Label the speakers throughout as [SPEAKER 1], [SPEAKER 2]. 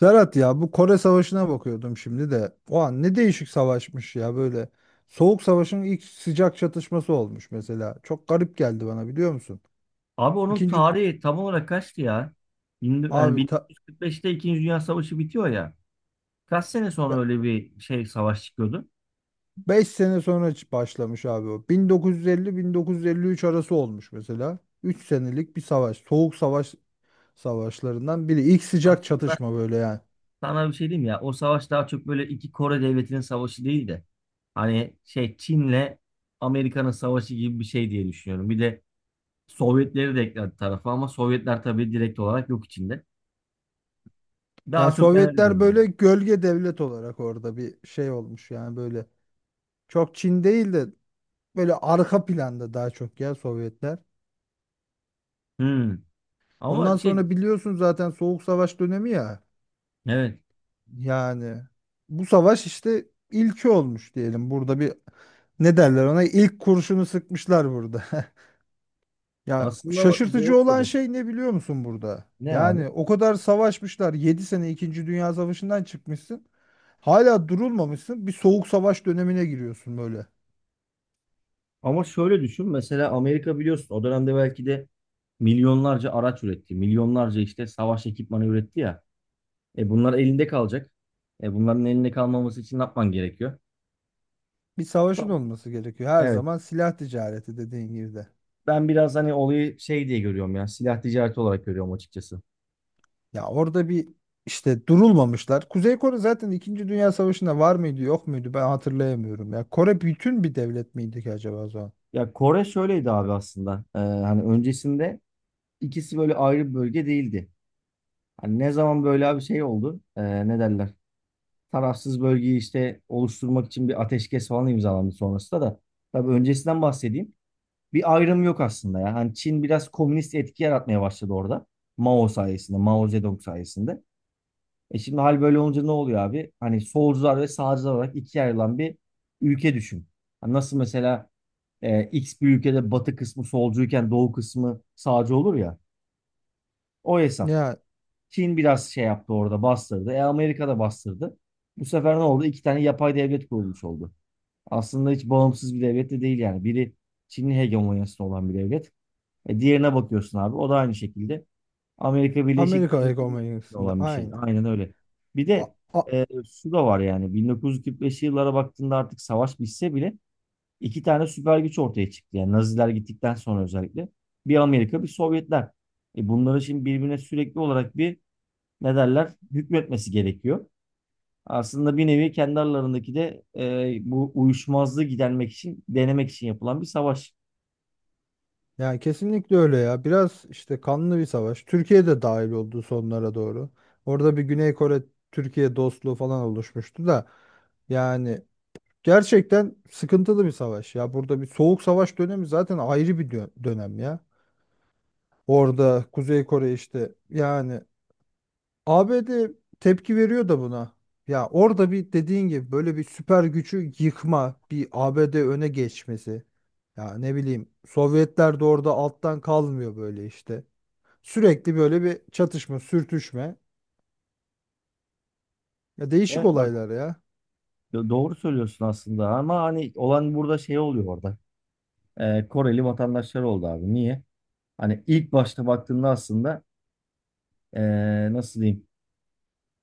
[SPEAKER 1] Serhat, ya bu Kore Savaşı'na bakıyordum şimdi de. O an ne değişik savaşmış ya böyle. Soğuk Savaş'ın ilk sıcak çatışması olmuş mesela. Çok garip geldi bana, biliyor musun?
[SPEAKER 2] Abi onun
[SPEAKER 1] İkinci
[SPEAKER 2] tarihi tam olarak kaçtı ya? Bin- Yani
[SPEAKER 1] abi ta,
[SPEAKER 2] 1945'te İkinci Dünya Savaşı bitiyor ya. Kaç sene sonra
[SPEAKER 1] ya
[SPEAKER 2] öyle bir şey savaş çıkıyordu?
[SPEAKER 1] 5 sene sonra başlamış abi o. 1950-1953 arası olmuş mesela. 3 senelik bir savaş. Soğuk Savaş savaşlarından biri. İlk sıcak
[SPEAKER 2] Aslında
[SPEAKER 1] çatışma böyle yani.
[SPEAKER 2] sana bir şey diyeyim ya. O savaş daha çok böyle iki Kore devletinin savaşı değil de hani şey Çin'le Amerika'nın savaşı gibi bir şey diye düşünüyorum. Bir de Sovyetleri de ekledi tarafa ama Sovyetler tabii direkt olarak yok içinde.
[SPEAKER 1] Yani
[SPEAKER 2] Daha çok ben öyle
[SPEAKER 1] Sovyetler
[SPEAKER 2] diyorum.
[SPEAKER 1] böyle gölge devlet olarak orada bir şey olmuş yani böyle. Çok Çin değil de böyle arka planda daha çok ya Sovyetler.
[SPEAKER 2] Hmm. Ama
[SPEAKER 1] Ondan
[SPEAKER 2] şey,
[SPEAKER 1] sonra biliyorsun zaten Soğuk Savaş dönemi ya.
[SPEAKER 2] evet,
[SPEAKER 1] Yani bu savaş işte ilki olmuş diyelim. Burada bir, ne derler ona, ilk kurşunu sıkmışlar burada. Ya
[SPEAKER 2] aslında
[SPEAKER 1] şaşırtıcı olan şey ne biliyor musun burada?
[SPEAKER 2] ne abi?
[SPEAKER 1] Yani o kadar savaşmışlar. 7 sene ikinci Dünya Savaşı'ndan çıkmışsın. Hala durulmamışsın. Bir soğuk savaş dönemine giriyorsun böyle.
[SPEAKER 2] Ama şöyle düşün, mesela Amerika biliyorsun o dönemde belki de milyonlarca araç üretti. Milyonlarca işte savaş ekipmanı üretti ya. E bunlar elinde kalacak. E bunların elinde kalmaması için ne yapman gerekiyor?
[SPEAKER 1] Bir savaşın
[SPEAKER 2] Tamam.
[SPEAKER 1] olması gerekiyor. Her
[SPEAKER 2] Evet.
[SPEAKER 1] zaman silah ticareti dediğin gibi de.
[SPEAKER 2] Ben biraz hani olayı şey diye görüyorum ya. Silah ticareti olarak görüyorum açıkçası.
[SPEAKER 1] Ya orada bir işte durulmamışlar. Kuzey Kore zaten İkinci Dünya Savaşı'nda var mıydı yok muydu ben hatırlayamıyorum. Ya Kore bütün bir devlet miydi ki acaba o zaman?
[SPEAKER 2] Ya Kore şöyleydi abi aslında. Hani öncesinde ikisi böyle ayrı bir bölge değildi. Hani ne zaman böyle bir şey oldu? Ne derler? Tarafsız bölgeyi işte oluşturmak için bir ateşkes falan imzalandı sonrasında da. Tabii öncesinden bahsedeyim. Bir ayrım yok aslında ya. Hani Çin biraz komünist etki yaratmaya başladı orada. Mao sayesinde, Mao Zedong sayesinde. E şimdi hal böyle olunca ne oluyor abi? Hani solcular ve sağcılar olarak ikiye ayrılan bir ülke düşün. Hani nasıl mesela X bir ülkede batı kısmı solcuyken doğu kısmı sağcı olur ya. O hesap.
[SPEAKER 1] Ya
[SPEAKER 2] Çin biraz şey yaptı orada, bastırdı. E Amerika da bastırdı. Bu sefer ne oldu? İki tane yapay devlet kurulmuş oldu. Aslında hiç bağımsız bir devlet de değil yani. Biri Çin'in hegemonyasında olan bir devlet. E diğerine bakıyorsun abi. O da aynı şekilde Amerika Birleşik
[SPEAKER 1] Amerika
[SPEAKER 2] Devletleri'nin
[SPEAKER 1] hegemonyasında
[SPEAKER 2] olan bir şey.
[SPEAKER 1] aynı.
[SPEAKER 2] Aynen öyle. Bir
[SPEAKER 1] A,
[SPEAKER 2] de
[SPEAKER 1] a-
[SPEAKER 2] şu da var, yani 1945'li yıllara baktığında artık savaş bitse bile iki tane süper güç ortaya çıktı. Yani Naziler gittikten sonra özellikle bir Amerika bir Sovyetler. E bunları şimdi birbirine sürekli olarak bir ne derler hükmetmesi gerekiyor. Aslında bir nevi kendi aralarındaki de bu uyuşmazlığı gidermek için, denemek için yapılan bir savaş.
[SPEAKER 1] yani kesinlikle öyle ya. Biraz işte kanlı bir savaş. Türkiye de dahil oldu sonlara doğru. Orada bir Güney Kore Türkiye dostluğu falan oluşmuştu da, yani gerçekten sıkıntılı bir savaş ya. Burada bir soğuk savaş dönemi zaten ayrı bir dönem ya. Orada Kuzey Kore işte yani ABD tepki veriyor da buna. Ya orada bir dediğin gibi böyle bir süper gücü yıkma, bir ABD öne geçmesi. Ya ne bileyim, Sovyetler de orada alttan kalmıyor böyle işte. Sürekli böyle bir çatışma, sürtüşme. Ya değişik
[SPEAKER 2] Evet bak,
[SPEAKER 1] olaylar ya.
[SPEAKER 2] doğru söylüyorsun aslında ama hani olan burada şey oluyor orada. Koreli vatandaşlar oldu abi. Niye? Hani ilk başta baktığında aslında nasıl diyeyim?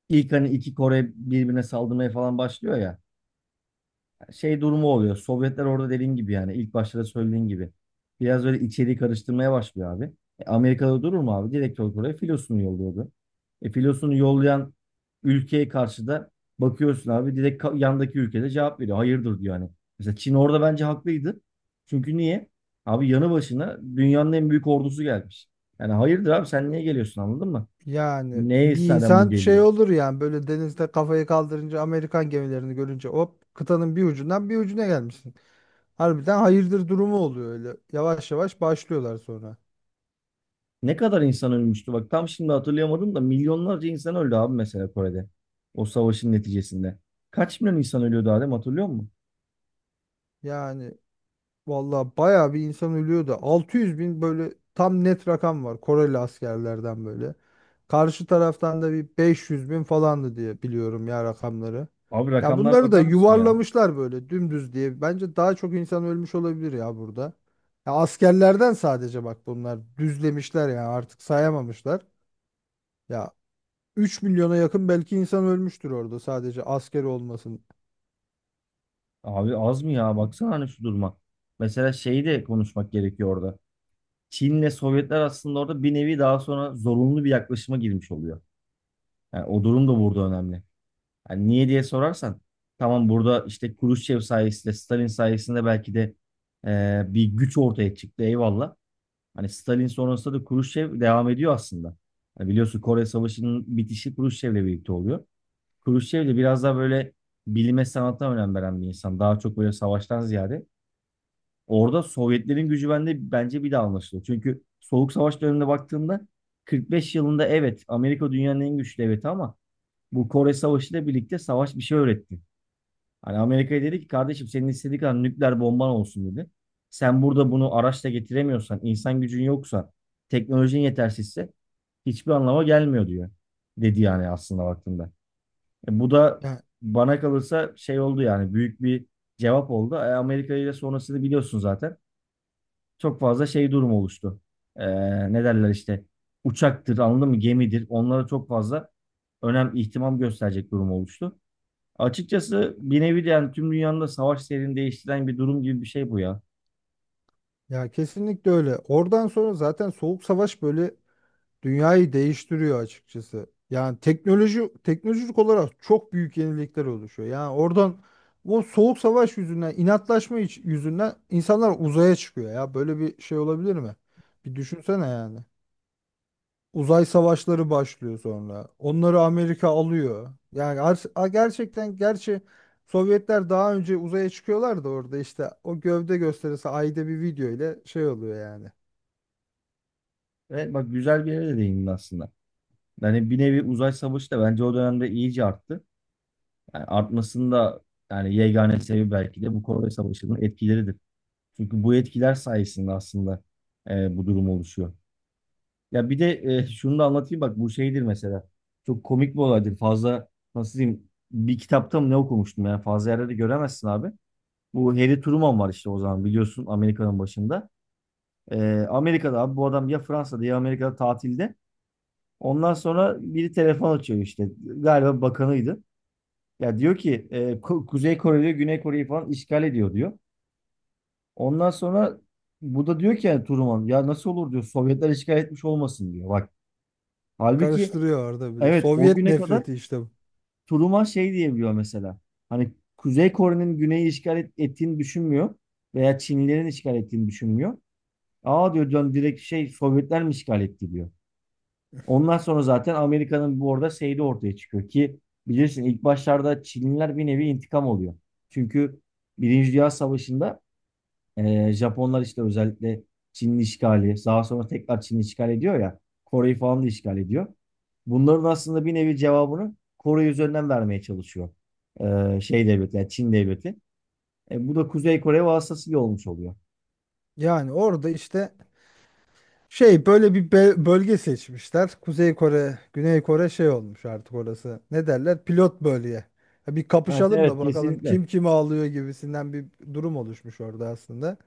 [SPEAKER 2] İlk hani iki Kore birbirine saldırmaya falan başlıyor ya. Şey durumu oluyor. Sovyetler orada dediğin gibi, yani ilk başta da söylediğin gibi. Biraz böyle içeriği karıştırmaya başlıyor abi. Amerika'da durur mu abi? Direkt olarak oraya filosunu yolluyordu. Filosunu yollayan ülkeye karşı da bakıyorsun abi direkt yandaki ülkede cevap veriyor. Hayırdır diyor hani. Mesela Çin orada bence haklıydı. Çünkü niye? Abi yanı başına dünyanın en büyük ordusu gelmiş. Yani hayırdır abi sen niye geliyorsun, anladın mı?
[SPEAKER 1] Yani
[SPEAKER 2] Neye
[SPEAKER 1] bir
[SPEAKER 2] istinaden bu
[SPEAKER 1] insan
[SPEAKER 2] geliyor?
[SPEAKER 1] şey olur yani, böyle denizde kafayı kaldırınca Amerikan gemilerini görünce hop, kıtanın bir ucundan bir ucuna gelmişsin. Harbiden hayırdır durumu oluyor öyle. Yavaş yavaş başlıyorlar sonra.
[SPEAKER 2] Ne kadar insan ölmüştü? Bak tam şimdi hatırlayamadım da milyonlarca insan öldü abi mesela Kore'de. O savaşın neticesinde. Kaç milyon insan ölüyordu Adem, hatırlıyor musun?
[SPEAKER 1] Yani valla bayağı bir insan ölüyor da, 600 bin böyle tam net rakam var Koreli askerlerden böyle. Karşı taraftan da bir 500 bin falandı diye biliyorum ya rakamları.
[SPEAKER 2] Abi
[SPEAKER 1] Ya
[SPEAKER 2] rakamlara
[SPEAKER 1] bunları da
[SPEAKER 2] bakar mısın ya?
[SPEAKER 1] yuvarlamışlar böyle dümdüz diye. Bence daha çok insan ölmüş olabilir ya burada. Ya askerlerden sadece bak, bunlar düzlemişler ya, artık sayamamışlar. Ya 3 milyona yakın belki insan ölmüştür orada sadece asker olmasından.
[SPEAKER 2] Abi az mı ya? Baksana hani şu duruma. Mesela şeyi de konuşmak gerekiyor orada. Çin'le Sovyetler aslında orada bir nevi daha sonra zorunlu bir yaklaşıma girmiş oluyor. Yani o durum da burada önemli. Yani niye diye sorarsan tamam, burada işte Khrushchev sayesinde, Stalin sayesinde belki de bir güç ortaya çıktı, eyvallah. Hani Stalin sonrasında da Kruşçev devam ediyor aslında. Hani biliyorsun Kore Savaşı'nın bitişi Kruşçev'le birlikte oluyor. Kruşçev de biraz daha böyle bilime sanata önem veren bir insan. Daha çok böyle savaştan ziyade. Orada Sovyetlerin gücü bende bence bir daha anlaşılıyor. Çünkü Soğuk Savaş döneminde baktığında 45 yılında evet Amerika dünyanın en güçlü devleti, ama bu Kore Savaşı ile birlikte savaş bir şey öğretti. Hani Amerika'ya dedi ki kardeşim senin istediğin kadar nükleer bomban olsun dedi. Sen burada bunu araçla getiremiyorsan, insan gücün yoksa, teknolojin yetersizse hiçbir anlama gelmiyor diyor. Dedi, yani aslında baktığında. Bu da
[SPEAKER 1] Ya,
[SPEAKER 2] bana kalırsa şey oldu, yani büyük bir cevap oldu. Amerika ile sonrasını biliyorsun zaten. Çok fazla şey durum oluştu. E, Ne derler işte, uçaktır anladın mı, gemidir. Onlara çok fazla önem ihtimam gösterecek durum oluştu. Açıkçası bir nevi de yani tüm dünyanın da savaş seyrini değiştiren bir durum gibi bir şey bu ya.
[SPEAKER 1] ya kesinlikle öyle. Oradan sonra zaten Soğuk Savaş böyle dünyayı değiştiriyor açıkçası. Yani teknoloji teknolojik olarak çok büyük yenilikler oluşuyor. Yani oradan o Soğuk Savaş yüzünden, inatlaşma yüzünden insanlar uzaya çıkıyor ya. Böyle bir şey olabilir mi? Bir düşünsene yani. Uzay savaşları başlıyor sonra. Onları Amerika alıyor. Yani gerçekten gerçi Sovyetler daha önce uzaya çıkıyorlar da orada işte o gövde gösterisi ayda bir video ile şey oluyor yani.
[SPEAKER 2] Evet bak, güzel bir yere de değindin aslında. Yani bir nevi uzay savaşı da bence o dönemde iyice arttı. Yani artmasının da yani yegane sebebi belki de bu Kore Savaşı'nın etkileridir. Çünkü bu etkiler sayesinde aslında bu durum oluşuyor. Ya bir de şunu da anlatayım, bak bu şeydir mesela. Çok komik bir olaydır. Fazla nasıl diyeyim, bir kitapta mı ne okumuştum, yani fazla yerde de göremezsin abi. Bu Harry Truman var işte, o zaman biliyorsun Amerika'nın başında. Amerika'da abi, bu adam ya Fransa'da ya Amerika'da tatilde. Ondan sonra biri telefon açıyor işte. Galiba bakanıydı. Ya diyor ki Kuzey Kore diyor Güney Kore'yi falan işgal ediyor diyor. Ondan sonra bu da diyor ki yani Truman, ya nasıl olur diyor, Sovyetler işgal etmiş olmasın diyor. Bak halbuki,
[SPEAKER 1] Karıştırıyor orada bile.
[SPEAKER 2] evet, o
[SPEAKER 1] Sovyet
[SPEAKER 2] güne kadar
[SPEAKER 1] nefreti işte bu.
[SPEAKER 2] Truman şey diyebiliyor mesela. Hani Kuzey Kore'nin güneyi ettiğini düşünmüyor veya Çinlilerin işgal ettiğini düşünmüyor. Aa diyor, dön direkt şey, Sovyetler mi işgal etti diyor. Ondan sonra zaten Amerika'nın bu arada şeyi ortaya çıkıyor ki bilirsin ilk başlarda Çinliler bir nevi intikam oluyor. Çünkü Birinci Dünya Savaşı'nda Japonlar işte özellikle Çinli işgali, daha sonra tekrar Çinli işgal ediyor ya, Kore'yi falan da işgal ediyor. Bunların aslında bir nevi cevabını Kore üzerinden vermeye çalışıyor. Şey devleti, yani Çin devleti. Bu da Kuzey Kore vasıtasıyla olmuş oluyor.
[SPEAKER 1] Yani orada işte şey böyle bir bölge seçmişler. Kuzey Kore, Güney Kore şey olmuş artık orası. Ne derler? Pilot bölge. Ya bir
[SPEAKER 2] Ha,
[SPEAKER 1] kapışalım da
[SPEAKER 2] evet,
[SPEAKER 1] bakalım
[SPEAKER 2] kesinlikle.
[SPEAKER 1] kim kimi alıyor gibisinden bir durum oluşmuş orada aslında.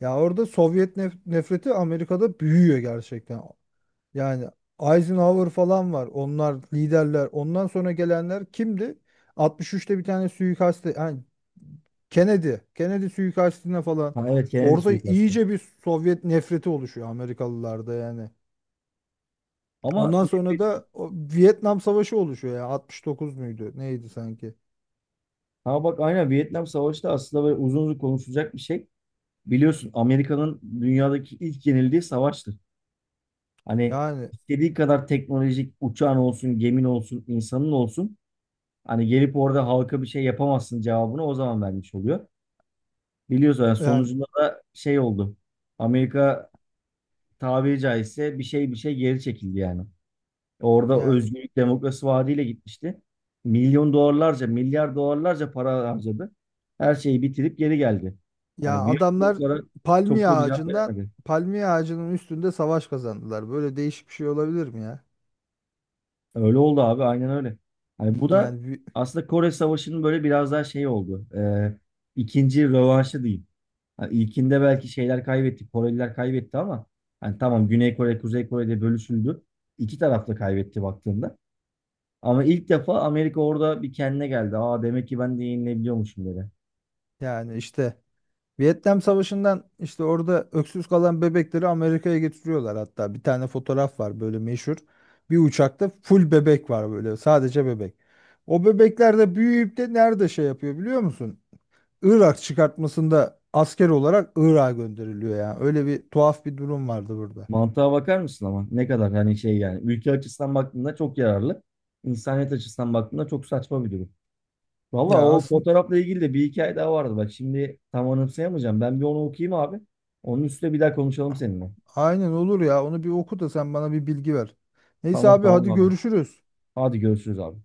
[SPEAKER 1] Ya orada Sovyet nefreti Amerika'da büyüyor gerçekten. Yani Eisenhower falan var. Onlar liderler. Ondan sonra gelenler kimdi? 63'te bir tane suikaste, yani Kennedy, Kennedy suikastine falan.
[SPEAKER 2] Ha, evet, Kennedy
[SPEAKER 1] Orada
[SPEAKER 2] suikastı.
[SPEAKER 1] iyice bir Sovyet nefreti oluşuyor Amerikalılarda yani.
[SPEAKER 2] Ama
[SPEAKER 1] Ondan sonra da o Vietnam Savaşı oluşuyor ya. 69 muydu? Neydi sanki?
[SPEAKER 2] ha bak, aynen Vietnam Savaşı da aslında böyle uzun uzun konuşulacak bir şey. Biliyorsun Amerika'nın dünyadaki ilk yenildiği savaştır. Hani
[SPEAKER 1] Yani
[SPEAKER 2] istediği kadar teknolojik uçağın olsun, gemin olsun, insanın olsun. Hani gelip orada halka bir şey yapamazsın cevabını o zaman vermiş oluyor. Biliyorsun yani
[SPEAKER 1] yani
[SPEAKER 2] sonucunda da şey oldu. Amerika tabiri caizse bir şey bir şey geri çekildi yani. Orada
[SPEAKER 1] yani
[SPEAKER 2] Özgürlük Demokrasi Vaadi'yle gitmişti. Milyon dolarlarca, milyar dolarlarca para harcadı. Her şeyi bitirip geri geldi.
[SPEAKER 1] ya
[SPEAKER 2] Hani bir
[SPEAKER 1] adamlar
[SPEAKER 2] sorulara çok
[SPEAKER 1] palmiye
[SPEAKER 2] da bir cevap
[SPEAKER 1] ağacından
[SPEAKER 2] veremedi.
[SPEAKER 1] palmiye ağacının üstünde savaş kazandılar. Böyle değişik bir şey olabilir mi ya?
[SPEAKER 2] Öyle oldu abi, aynen öyle. Hani bu da
[SPEAKER 1] Yani vi-
[SPEAKER 2] aslında Kore Savaşı'nın böyle biraz daha şey oldu. İkinci rövanşı diyeyim. Hani ilkinde belki şeyler kaybetti, Koreliler kaybetti ama hani tamam, Güney Kore, Kuzey Kore'de bölüşüldü. İki taraf da kaybetti baktığında. Ama ilk defa Amerika orada bir kendine geldi. Aa demek ki ben de yenilebiliyormuşum dedi.
[SPEAKER 1] yani işte Vietnam Savaşı'ndan işte orada öksüz kalan bebekleri Amerika'ya getiriyorlar hatta. Bir tane fotoğraf var böyle meşhur. Bir uçakta full bebek var böyle sadece bebek. O bebekler de büyüyüp de nerede şey yapıyor biliyor musun? Irak çıkartmasında asker olarak Irak'a gönderiliyor ya. Öyle bir tuhaf bir durum vardı burada.
[SPEAKER 2] Mantığa bakar mısın ama? Ne kadar hani şey yani. Ülke açısından baktığında çok yararlı. İnsaniyet açısından baktığında çok saçma bir durum. Valla
[SPEAKER 1] Ya
[SPEAKER 2] o
[SPEAKER 1] aslında.
[SPEAKER 2] fotoğrafla ilgili de bir hikaye daha vardı. Bak şimdi tam anımsayamayacağım. Ben bir onu okuyayım abi. Onun üstüne bir daha konuşalım seninle.
[SPEAKER 1] Aynen olur ya. Onu bir oku da sen bana bir bilgi ver. Neyse
[SPEAKER 2] Tamam
[SPEAKER 1] abi
[SPEAKER 2] tamam
[SPEAKER 1] hadi
[SPEAKER 2] abi.
[SPEAKER 1] görüşürüz.
[SPEAKER 2] Hadi görüşürüz abi.